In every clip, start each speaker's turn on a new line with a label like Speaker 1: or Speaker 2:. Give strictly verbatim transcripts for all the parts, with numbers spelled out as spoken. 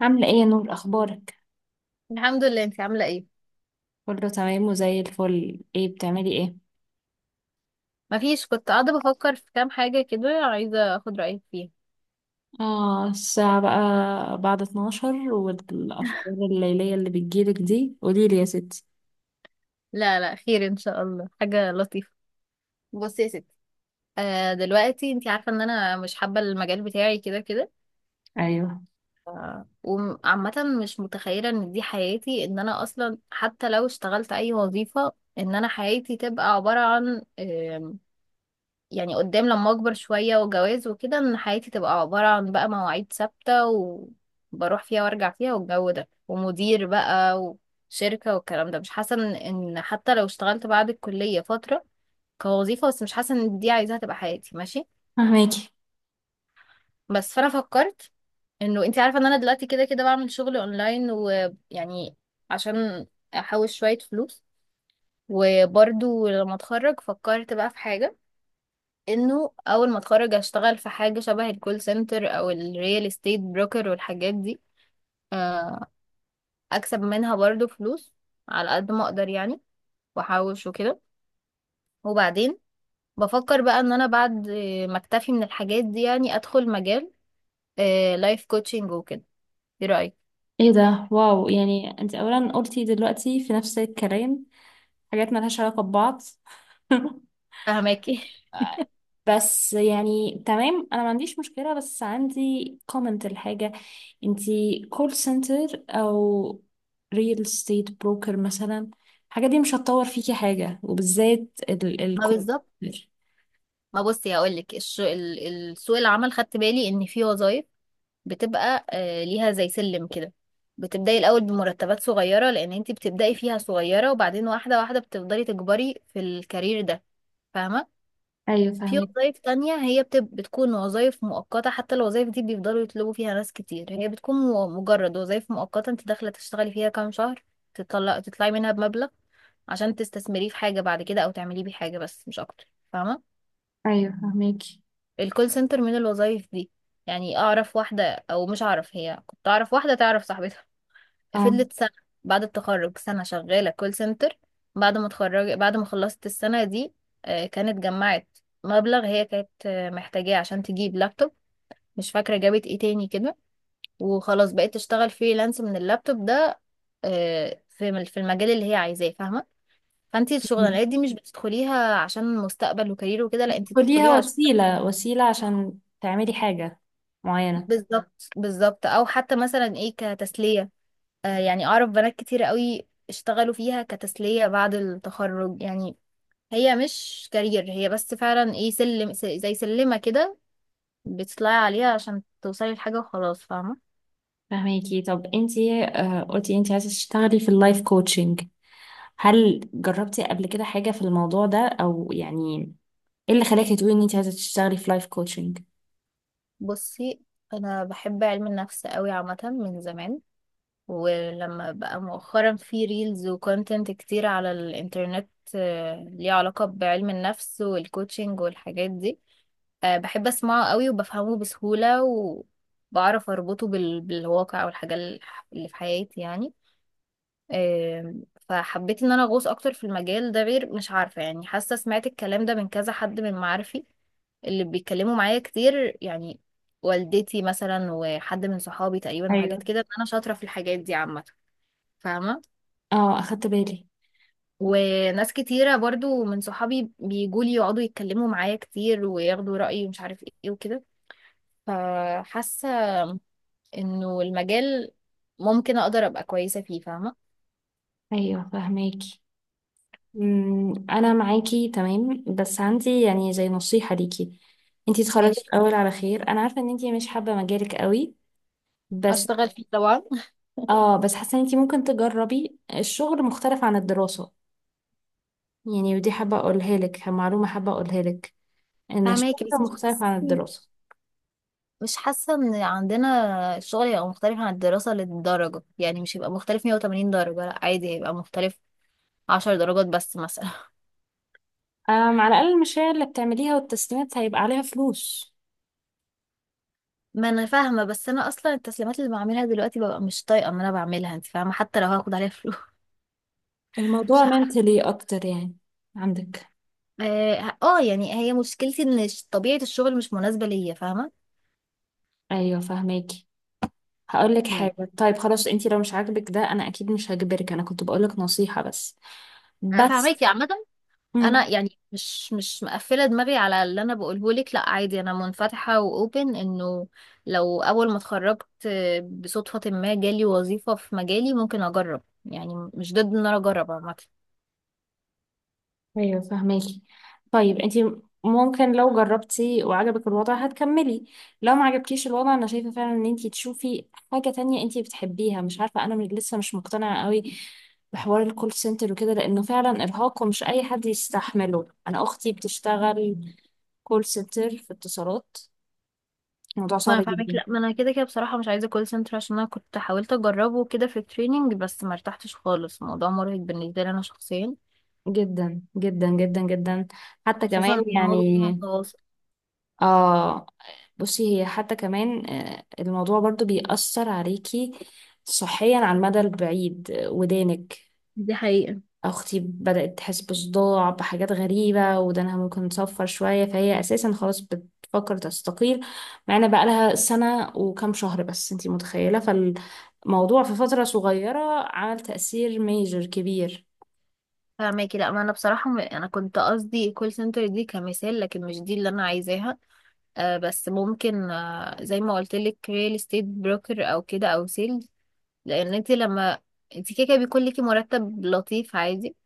Speaker 1: عاملة ايه يا نور، اخبارك؟
Speaker 2: الحمد لله، انت عاملة ايه؟
Speaker 1: كله تمام وزي الفل. ايه بتعملي ايه؟
Speaker 2: مفيش، كنت قاعدة بفكر في كام حاجة كده، عايزة اخد رأيك فيها.
Speaker 1: اه الساعة بقى بعد اثناشر والافكار الليلية اللي بتجيلك دي، قوليلي يا ستي.
Speaker 2: لا لا، خير ان شاء الله، حاجة لطيفة. بصي يا ستي، آه دلوقتي انت عارفة ان انا مش حابة المجال بتاعي كده كده.
Speaker 1: ايوه،
Speaker 2: آه، وعامة، مش متخيلة ان دي حياتي، ان انا اصلا حتى لو اشتغلت اي وظيفة، ان انا حياتي تبقى عبارة عن آه، يعني قدام لما اكبر شوية وجواز وكده، ان حياتي تبقى عبارة عن بقى مواعيد ثابتة، وبروح فيها وارجع فيها والجو ده ومدير بقى وشركة والكلام ده. مش حاسة ان إن حتى لو اشتغلت بعد الكلية فترة كوظيفة، بس مش حاسة ان دي عايزاها تبقى حياتي. ماشي،
Speaker 1: فهماكي.
Speaker 2: بس فانا فكرت انه انت عارفة ان انا دلوقتي كده كده بعمل شغل اونلاين ويعني، عشان احوش شوية فلوس. وبرضو لما اتخرج فكرت بقى في حاجة، انه اول ما اتخرج اشتغل في حاجه شبه الكول سنتر او الريال استيت بروكر والحاجات دي، آه، اكسب منها برضو فلوس على قد ما اقدر يعني، واحوش وكده. وبعدين بفكر بقى ان انا بعد ما اكتفي من الحاجات دي، يعني ادخل مجال لايف كوتشنج وكده. ايه رايك؟
Speaker 1: ايه ده؟ واو، يعني انت اولا قلتي دلوقتي في نفس الكلام حاجات ملهاش علاقة ببعض.
Speaker 2: فهماكي.
Speaker 1: بس يعني تمام، انا ما عنديش مشكلة، بس عندي كومنت الحاجة. انتي كول سنتر او ريل استيت بروكر مثلا، الحاجة دي مش هتطور فيكي حاجة، وبالذات ال ال
Speaker 2: ما بالظبط. ما بصي هقول لك، السوق العمل خدت بالي ان في وظايف بتبقى آه، ليها زي سلم كده، بتبدأي الأول بمرتبات صغيرة لأن انتي بتبدأي فيها صغيرة، وبعدين واحدة واحدة بتفضلي تكبري في الكارير ده. فاهمة.
Speaker 1: ايوه،
Speaker 2: في
Speaker 1: فهمك.
Speaker 2: وظائف تانية هي بتب... بتكون وظائف مؤقتة، حتى الوظائف دي بيفضلوا يطلبوا فيها ناس كتير، هي بتكون مو- مجرد وظائف مؤقتة، انت داخلة تشتغلي فيها كام شهر تطلع تطلعي منها بمبلغ عشان تستثمريه في حاجة بعد كده، أو تعمليه بيه حاجة، بس مش أكتر. فاهمة.
Speaker 1: ايوه فهماكي.
Speaker 2: الكول سنتر من الوظائف دي. يعني أعرف واحدة، أو مش أعرف هي، كنت أعرف واحدة تعرف صاحبتها،
Speaker 1: اه.
Speaker 2: فضلت سنة بعد التخرج سنة شغالة كول سنتر. بعد ما اتخرج بعد ما خلصت السنة دي، آه، كانت جمعت مبلغ، هي كانت آه، محتاجاه عشان تجيب لابتوب. مش فاكرة جابت ايه تاني كده. وخلاص بقيت تشتغل فريلانس من اللابتوب ده، آه، في الم- في المجال اللي هي عايزاه. فاهمة. فانتي
Speaker 1: مم.
Speaker 2: الشغلانات دي مش بتدخليها عشان مستقبل وكارير وكده، لا انتي
Speaker 1: خديها
Speaker 2: بتدخليها عشان…
Speaker 1: وسيلة وسيلة عشان تعملي حاجة معينة.
Speaker 2: بالظبط بالظبط، او حتى مثلا ايه كتسلية. آه، يعني أعرف بنات كتير قوي اشتغلوا فيها كتسلية بعد التخرج يعني، هي مش كارير، هي بس فعلا ايه سلم س- زي سلمة كده، بتطلعي عليها عشان توصلي لحاجة وخلاص. فاهمة.
Speaker 1: فهميكي. طب انتي آه، قلتي انتي عايزة تشتغلي في اللايف كوتشنج، هل جربتي قبل كده حاجة في الموضوع ده؟ او يعني ايه اللي خلاكي تقولي ان انت عايزه تشتغلي في لايف كوتشنج؟
Speaker 2: بصي، أنا بحب علم النفس قوي عامة من زمان. ولما بقى مؤخرا في ريلز وكونتنت كتير على الإنترنت آه، ليه علاقة بعلم النفس والكوتشنج والحاجات دي، آه، بحب اسمعه قوي وبفهمه بسهولة، وبعرف اربطه بال... بالواقع والحاجة ال- اللي في حياتي يعني. آم، فحبيت ان انا اغوص اكتر في المجال ده. غير مش عارفة يعني، حاسة سمعت الكلام ده من كذا حد من معارفي اللي بيتكلموا معايا كتير، يعني والدتي مثلا وحد من صحابي تقريبا، وحاجات
Speaker 1: ايوه.
Speaker 2: كده، ان انا شاطرة في الحاجات دي عامة. فاهمة.
Speaker 1: اه اخدت بالي.
Speaker 2: وناس كتيرة برضو من صحابي بيجولي، يقعدوا يتكلموا معايا كتير وياخدوا رأيي ومش عارف ايه وكده. فحاسة انه المجال ممكن اقدر ابقى كويسه فيه. فاهمه.
Speaker 1: ايوه فهماكي. أمم، انا معاكي تمام، بس عندي يعني زي نصيحه ليكي. انت اتخرجي
Speaker 2: ماشي،
Speaker 1: الاول على خير، انا عارفه ان انت مش حابه مجالك قوي، بس
Speaker 2: اشتغل فيه طبعا.
Speaker 1: اه، بس حاسه ان انت ممكن تجربي الشغل مختلف عن الدراسه. يعني ودي حابه اقولها لك، معلومه حابه اقولها لك، ان
Speaker 2: فاهماكي،
Speaker 1: الشغل
Speaker 2: بس مش
Speaker 1: مختلف
Speaker 2: حاسه
Speaker 1: عن الدراسه.
Speaker 2: مش حاسه ان عندنا الشغل يبقى مختلف عن الدراسه للدرجه، يعني مش هيبقى مختلف مية وتمانين درجه، لا عادي هيبقى مختلف عشر درجات بس مثلا.
Speaker 1: أم، على الاقل المشاريع اللي بتعمليها والتسليمات هيبقى عليها فلوس.
Speaker 2: ما انا فاهمه، بس انا اصلا التسليمات اللي بعملها دلوقتي ببقى مش طايقه ان انا بعملها، انت فاهمه، حتى لو هاخد عليها فلوس. مش
Speaker 1: الموضوع
Speaker 2: عارفة.
Speaker 1: منتلي اكتر يعني عندك.
Speaker 2: اه، آه، يعني هي مشكلتي ان ش- طبيعه الشغل مش مناسبه ليا، فاهمه.
Speaker 1: ايوه فاهماكي. هقول لك
Speaker 2: يعني
Speaker 1: حاجه، طيب خلاص انتي لو مش عاجبك ده، انا اكيد مش هجبرك، انا كنت بقول لك نصيحه بس.
Speaker 2: انا
Speaker 1: بس،
Speaker 2: فاهماكي عامه،
Speaker 1: امم.
Speaker 2: انا يعني مش مش مقفله دماغي على اللي انا بقوله لك، لا عادي، انا منفتحه واوبن انه لو اول ما اتخرجت بصدفه ما جالي وظيفه في مجالي ممكن اجرب، يعني مش ضد ان انا اجرب عامه.
Speaker 1: ايوه فاهماكي. طيب انتي ممكن لو جربتي وعجبك الوضع هتكملي، لو ما عجبكيش الوضع انا شايفه فعلا ان انتي تشوفي حاجه تانية انتي بتحبيها. مش عارفه، انا من- لسه مش مقتنعه قوي بحوار الكول سنتر وكده، لانه فعلا ارهاق ومش اي حد يستحمله. انا اختي بتشتغل كول سنتر في اتصالات، الموضوع
Speaker 2: ما
Speaker 1: صعب
Speaker 2: انا فاهمك،
Speaker 1: جدا
Speaker 2: لا ما انا كده كده بصراحه مش عايزه كول سنتر، عشان انا كنت حاولت اجربه كده في التريننج بس ما ارتحتش خالص، الموضوع مرهق بالنسبه لي انا شخصيا،
Speaker 1: جدا جدا جدا جدا. حتى
Speaker 2: خصوصا
Speaker 1: كمان
Speaker 2: ان
Speaker 1: يعني
Speaker 2: هو بيكون تواصل.
Speaker 1: اه، بصي هي حتى كمان آه، الموضوع برضو بيأثر عليكي صحيا على المدى البعيد. آه، ودانك،
Speaker 2: دي حقيقة.
Speaker 1: اختي بدأت تحس بصداع، بحاجات غريبة، ودانها ممكن تصفر شوية، فهي اساسا خلاص بتفكر تستقيل مع ان بقى لها سنة وكام شهر بس. انتي متخيلة؟ فالموضوع في فترة صغيرة عمل تأثير ميجر كبير.
Speaker 2: فاهماكي، لا ما انا بصراحه م- انا كنت قصدي كول سنتر دي كمثال، لكن مش دي اللي انا عايزاها. آه، بس ممكن، آه، زي ما قلت لك، ريل استيت بروكر او كده او سيلز. لان انت لما… انت كده كده بيكون ليكي مرتب لطيف عادي،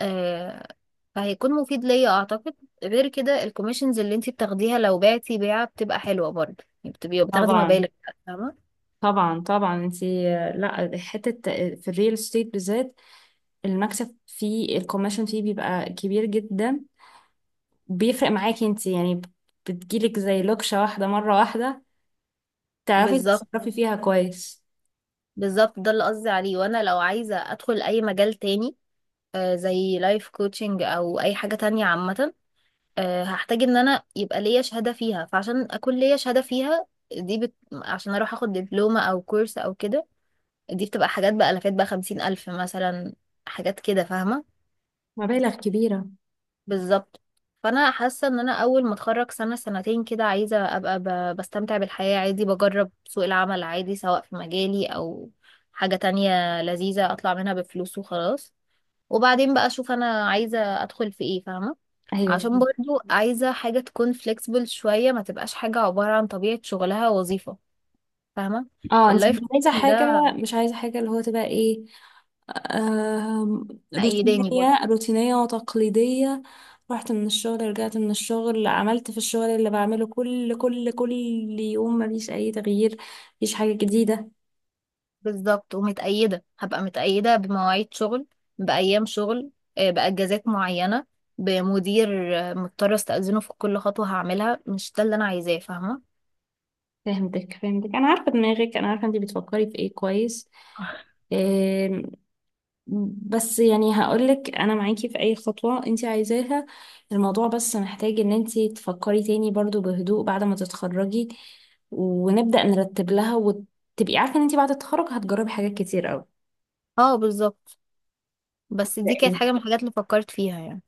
Speaker 2: آه، فهيكون مفيد ليا اعتقد. غير كده الكوميشنز اللي انت بتاخديها لو بعتي بيعه بتبقى حلوه برضه، يعني بتبقي بتاخدي
Speaker 1: طبعا
Speaker 2: مبالغ. فاهمه.
Speaker 1: طبعا طبعا. انتي لا حتة، في الريل استيت بالذات المكسب فيه، الكوميشن فيه بيبقى كبير جدا. بيفرق معاكي انتي يعني، بتجيلك زي لوكشة واحدة مرة واحدة، تعرفي
Speaker 2: بالظبط
Speaker 1: تتصرفي فيها كويس.
Speaker 2: بالظبط، ده اللي قصدي عليه. وانا لو عايزه ادخل اي مجال تاني، آه، زي لايف كوتشنج او اي حاجه تانية عامه، آه، هحتاج ان انا يبقى ليا شهادة فيها. فعشان اكون ليا شهادة فيها دي بت... عشان اروح اخد دبلومة او كورس او كده، دي بتبقى حاجات بألافات، بقى خمسين الف مثلا، حاجات كده. فاهمة.
Speaker 1: مبالغ كبيرة.
Speaker 2: بالظبط. فانا حاسة ان انا اول ما اتخرج سنة سنتين كده، عايزة ابقى ب... بستمتع بالحياة عادي، بجرب سوق العمل عادي سواء في مجالي او حاجة تانية لذيذة، اطلع منها بفلوس وخلاص، وبعدين بقى اشوف انا عايزة ادخل في ايه. فاهمة.
Speaker 1: ايوه
Speaker 2: عشان
Speaker 1: فهمت.
Speaker 2: برضو عايزة حاجة تكون flexible شوية، ما تبقاش حاجة عبارة عن طبيعة شغلها وظيفة. فاهمة.
Speaker 1: اه انتي مش
Speaker 2: اللايف كوتش
Speaker 1: عايزة حاجة،
Speaker 2: ده
Speaker 1: مش عايزة حاجة اللي هو تبقى ايه، آم،
Speaker 2: مأيداني برضو.
Speaker 1: روتينية روتينية وتقليدية رحت من الشغل، رجعت من الشغل، عملت في الشغل اللي بعمله كل كل كل يوم مفيش أي تغيير، مفيش حاجة جديدة.
Speaker 2: بالظبط، ومتأيدة هبقى متأيدة بمواعيد شغل، بأيام شغل، آه، بأجازات معينة، بمدير آه، مضطرة استأذنه في كل خطوة هعملها. مش ده اللي أنا عايزاه. فاهمة.
Speaker 1: فهمتك فهمتك، أنا عارفة دماغك، أنا عارفة أنتي بتفكري في إيه كويس. آم، بس يعني هقولك أنا معاكي في أي خطوة أنتي عايزاها. الموضوع بس محتاج إن أنتي تفكري تاني برضو بهدوء بعد ما تتخرجي، ونبدأ نرتب لها، وتبقي عارفة إن أنتي بعد التخرج هتجربي حاجات كتير أوي.
Speaker 2: اه بالظبط، بس دي كانت
Speaker 1: إيه؟
Speaker 2: حاجة من الحاجات اللي فكرت فيها يعني.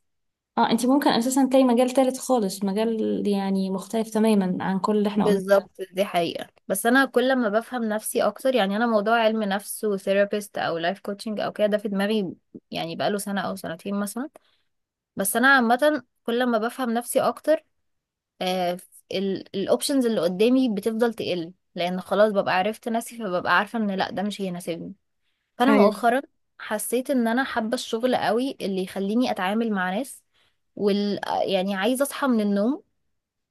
Speaker 1: اه، انت ممكن اساسا تلاقي مجال تالت خالص، مجال يعني مختلف تماما عن كل اللي احنا قلناه.
Speaker 2: بالظبط دي حقيقة، بس أنا كل ما بفهم نفسي أكتر يعني، أنا موضوع علم نفس وثيرابيست أو لايف كوتشنج أو كده ده في دماغي يعني بقاله سنة أو سنتين مثلا، بس أنا عامة كل ما بفهم نفسي أكتر آه الأوبشنز اللي قدامي بتفضل تقل، لأن خلاص ببقى عرفت نفسي، فببقى عارفة إن لأ ده مش هيناسبني. فأنا
Speaker 1: ايوه،
Speaker 2: مؤخرا حسيت إن أنا حابة الشغل قوي اللي يخليني أتعامل مع ناس، وال يعني عايزة أصحى من النوم،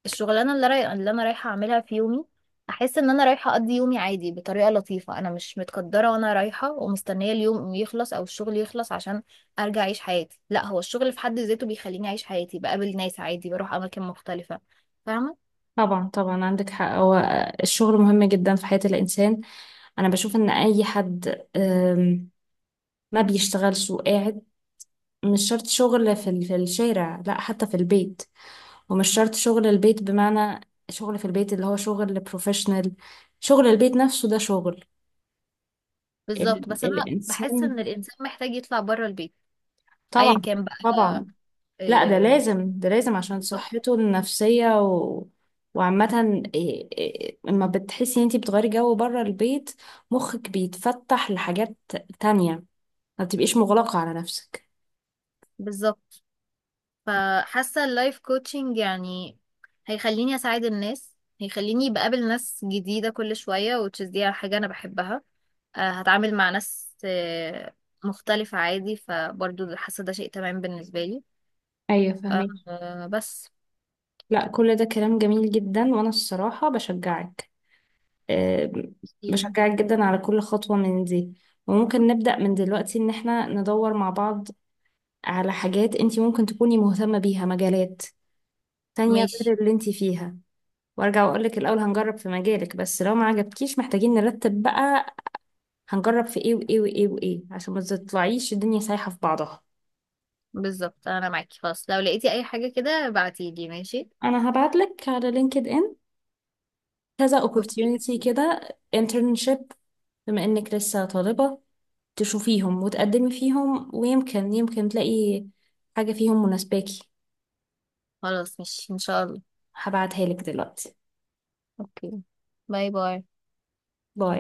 Speaker 2: الشغلانه اللي رايح اللي انا رايحه اعملها في يومي، احس ان انا رايحه اقضي يومي عادي بطريقه لطيفه، انا مش متقدره وانا رايحه ومستنيه اليوم يخلص او الشغل يخلص عشان ارجع اعيش حياتي. لا هو الشغل في حد ذاته بيخليني اعيش حياتي، بقابل ناس عادي، بروح اماكن مختلفه. فاهمه.
Speaker 1: طبعا طبعا، عندك حق. هو الشغل مهم جدا في حياة الانسان. انا بشوف ان اي حد آم، ما بيشتغلش وقاعد، مش شرط شغل في ال- في الشارع، لا حتى في البيت. ومش شرط شغل البيت بمعنى شغل في البيت اللي هو شغل بروفيشنال، شغل البيت نفسه ده شغل.
Speaker 2: بالظبط،
Speaker 1: ال-
Speaker 2: بس انا بحس
Speaker 1: الانسان.
Speaker 2: ان الانسان محتاج يطلع بره البيت، ايا
Speaker 1: طبعا.
Speaker 2: كان بقى.
Speaker 1: طبعا. لا ده
Speaker 2: آه،
Speaker 1: لازم، ده لازم عشان صحته النفسية و... وعامة إيه- إيه- لما بتحسي ان انتي بتغيري جو بره البيت، مخك بيتفتح لحاجات تانية، ما بتبقيش مغلقة على نفسك.
Speaker 2: بالظبط. فحاسة اللايف كوتشنج يعني هيخليني أساعد الناس، هيخليني بقابل ناس جديدة كل شوية، which is دي حاجة أنا بحبها. آه، هتعامل مع ناس آه، مختلفة عادي، فبرضو حاسة ده شيء تمام بالنسبة لي.
Speaker 1: ايوه فاهمك.
Speaker 2: آه، بس
Speaker 1: لا كل ده كلام جميل جدا، وانا الصراحة بشجعك. آه،
Speaker 2: دي-
Speaker 1: بشجعك جدا على كل خطوة من دي. وممكن نبدأ من دلوقتي ان احنا ندور مع بعض على حاجات انتي ممكن تكوني مهتمة بيها، مجالات تانية
Speaker 2: ماشي.
Speaker 1: غير اللي انتي فيها. وارجع واقول لك الاول هنجرب في مجالك، بس لو ما عجبكيش محتاجين نرتب بقى هنجرب في ايه وايه وايه وايه، عشان ما تطلعيش الدنيا سايحة في بعضها.
Speaker 2: بالظبط أنا معاكي، خلاص لو لقيتي أي حاجة كده بعتيلي. ماشي،
Speaker 1: انا هبعت لك على لينكد ان كذا
Speaker 2: أوكي
Speaker 1: opportunity
Speaker 2: أكيد.
Speaker 1: كده، internship، بما انك لسه طالبة، تشوفيهم وتقدمي فيهم، ويمكن يمكن تلاقي حاجة فيهم مناسباكي.
Speaker 2: خلاص ماشي إن شاء الله.
Speaker 1: هبعتها لك دلوقتي.
Speaker 2: أوكي. باي باي.
Speaker 1: باي.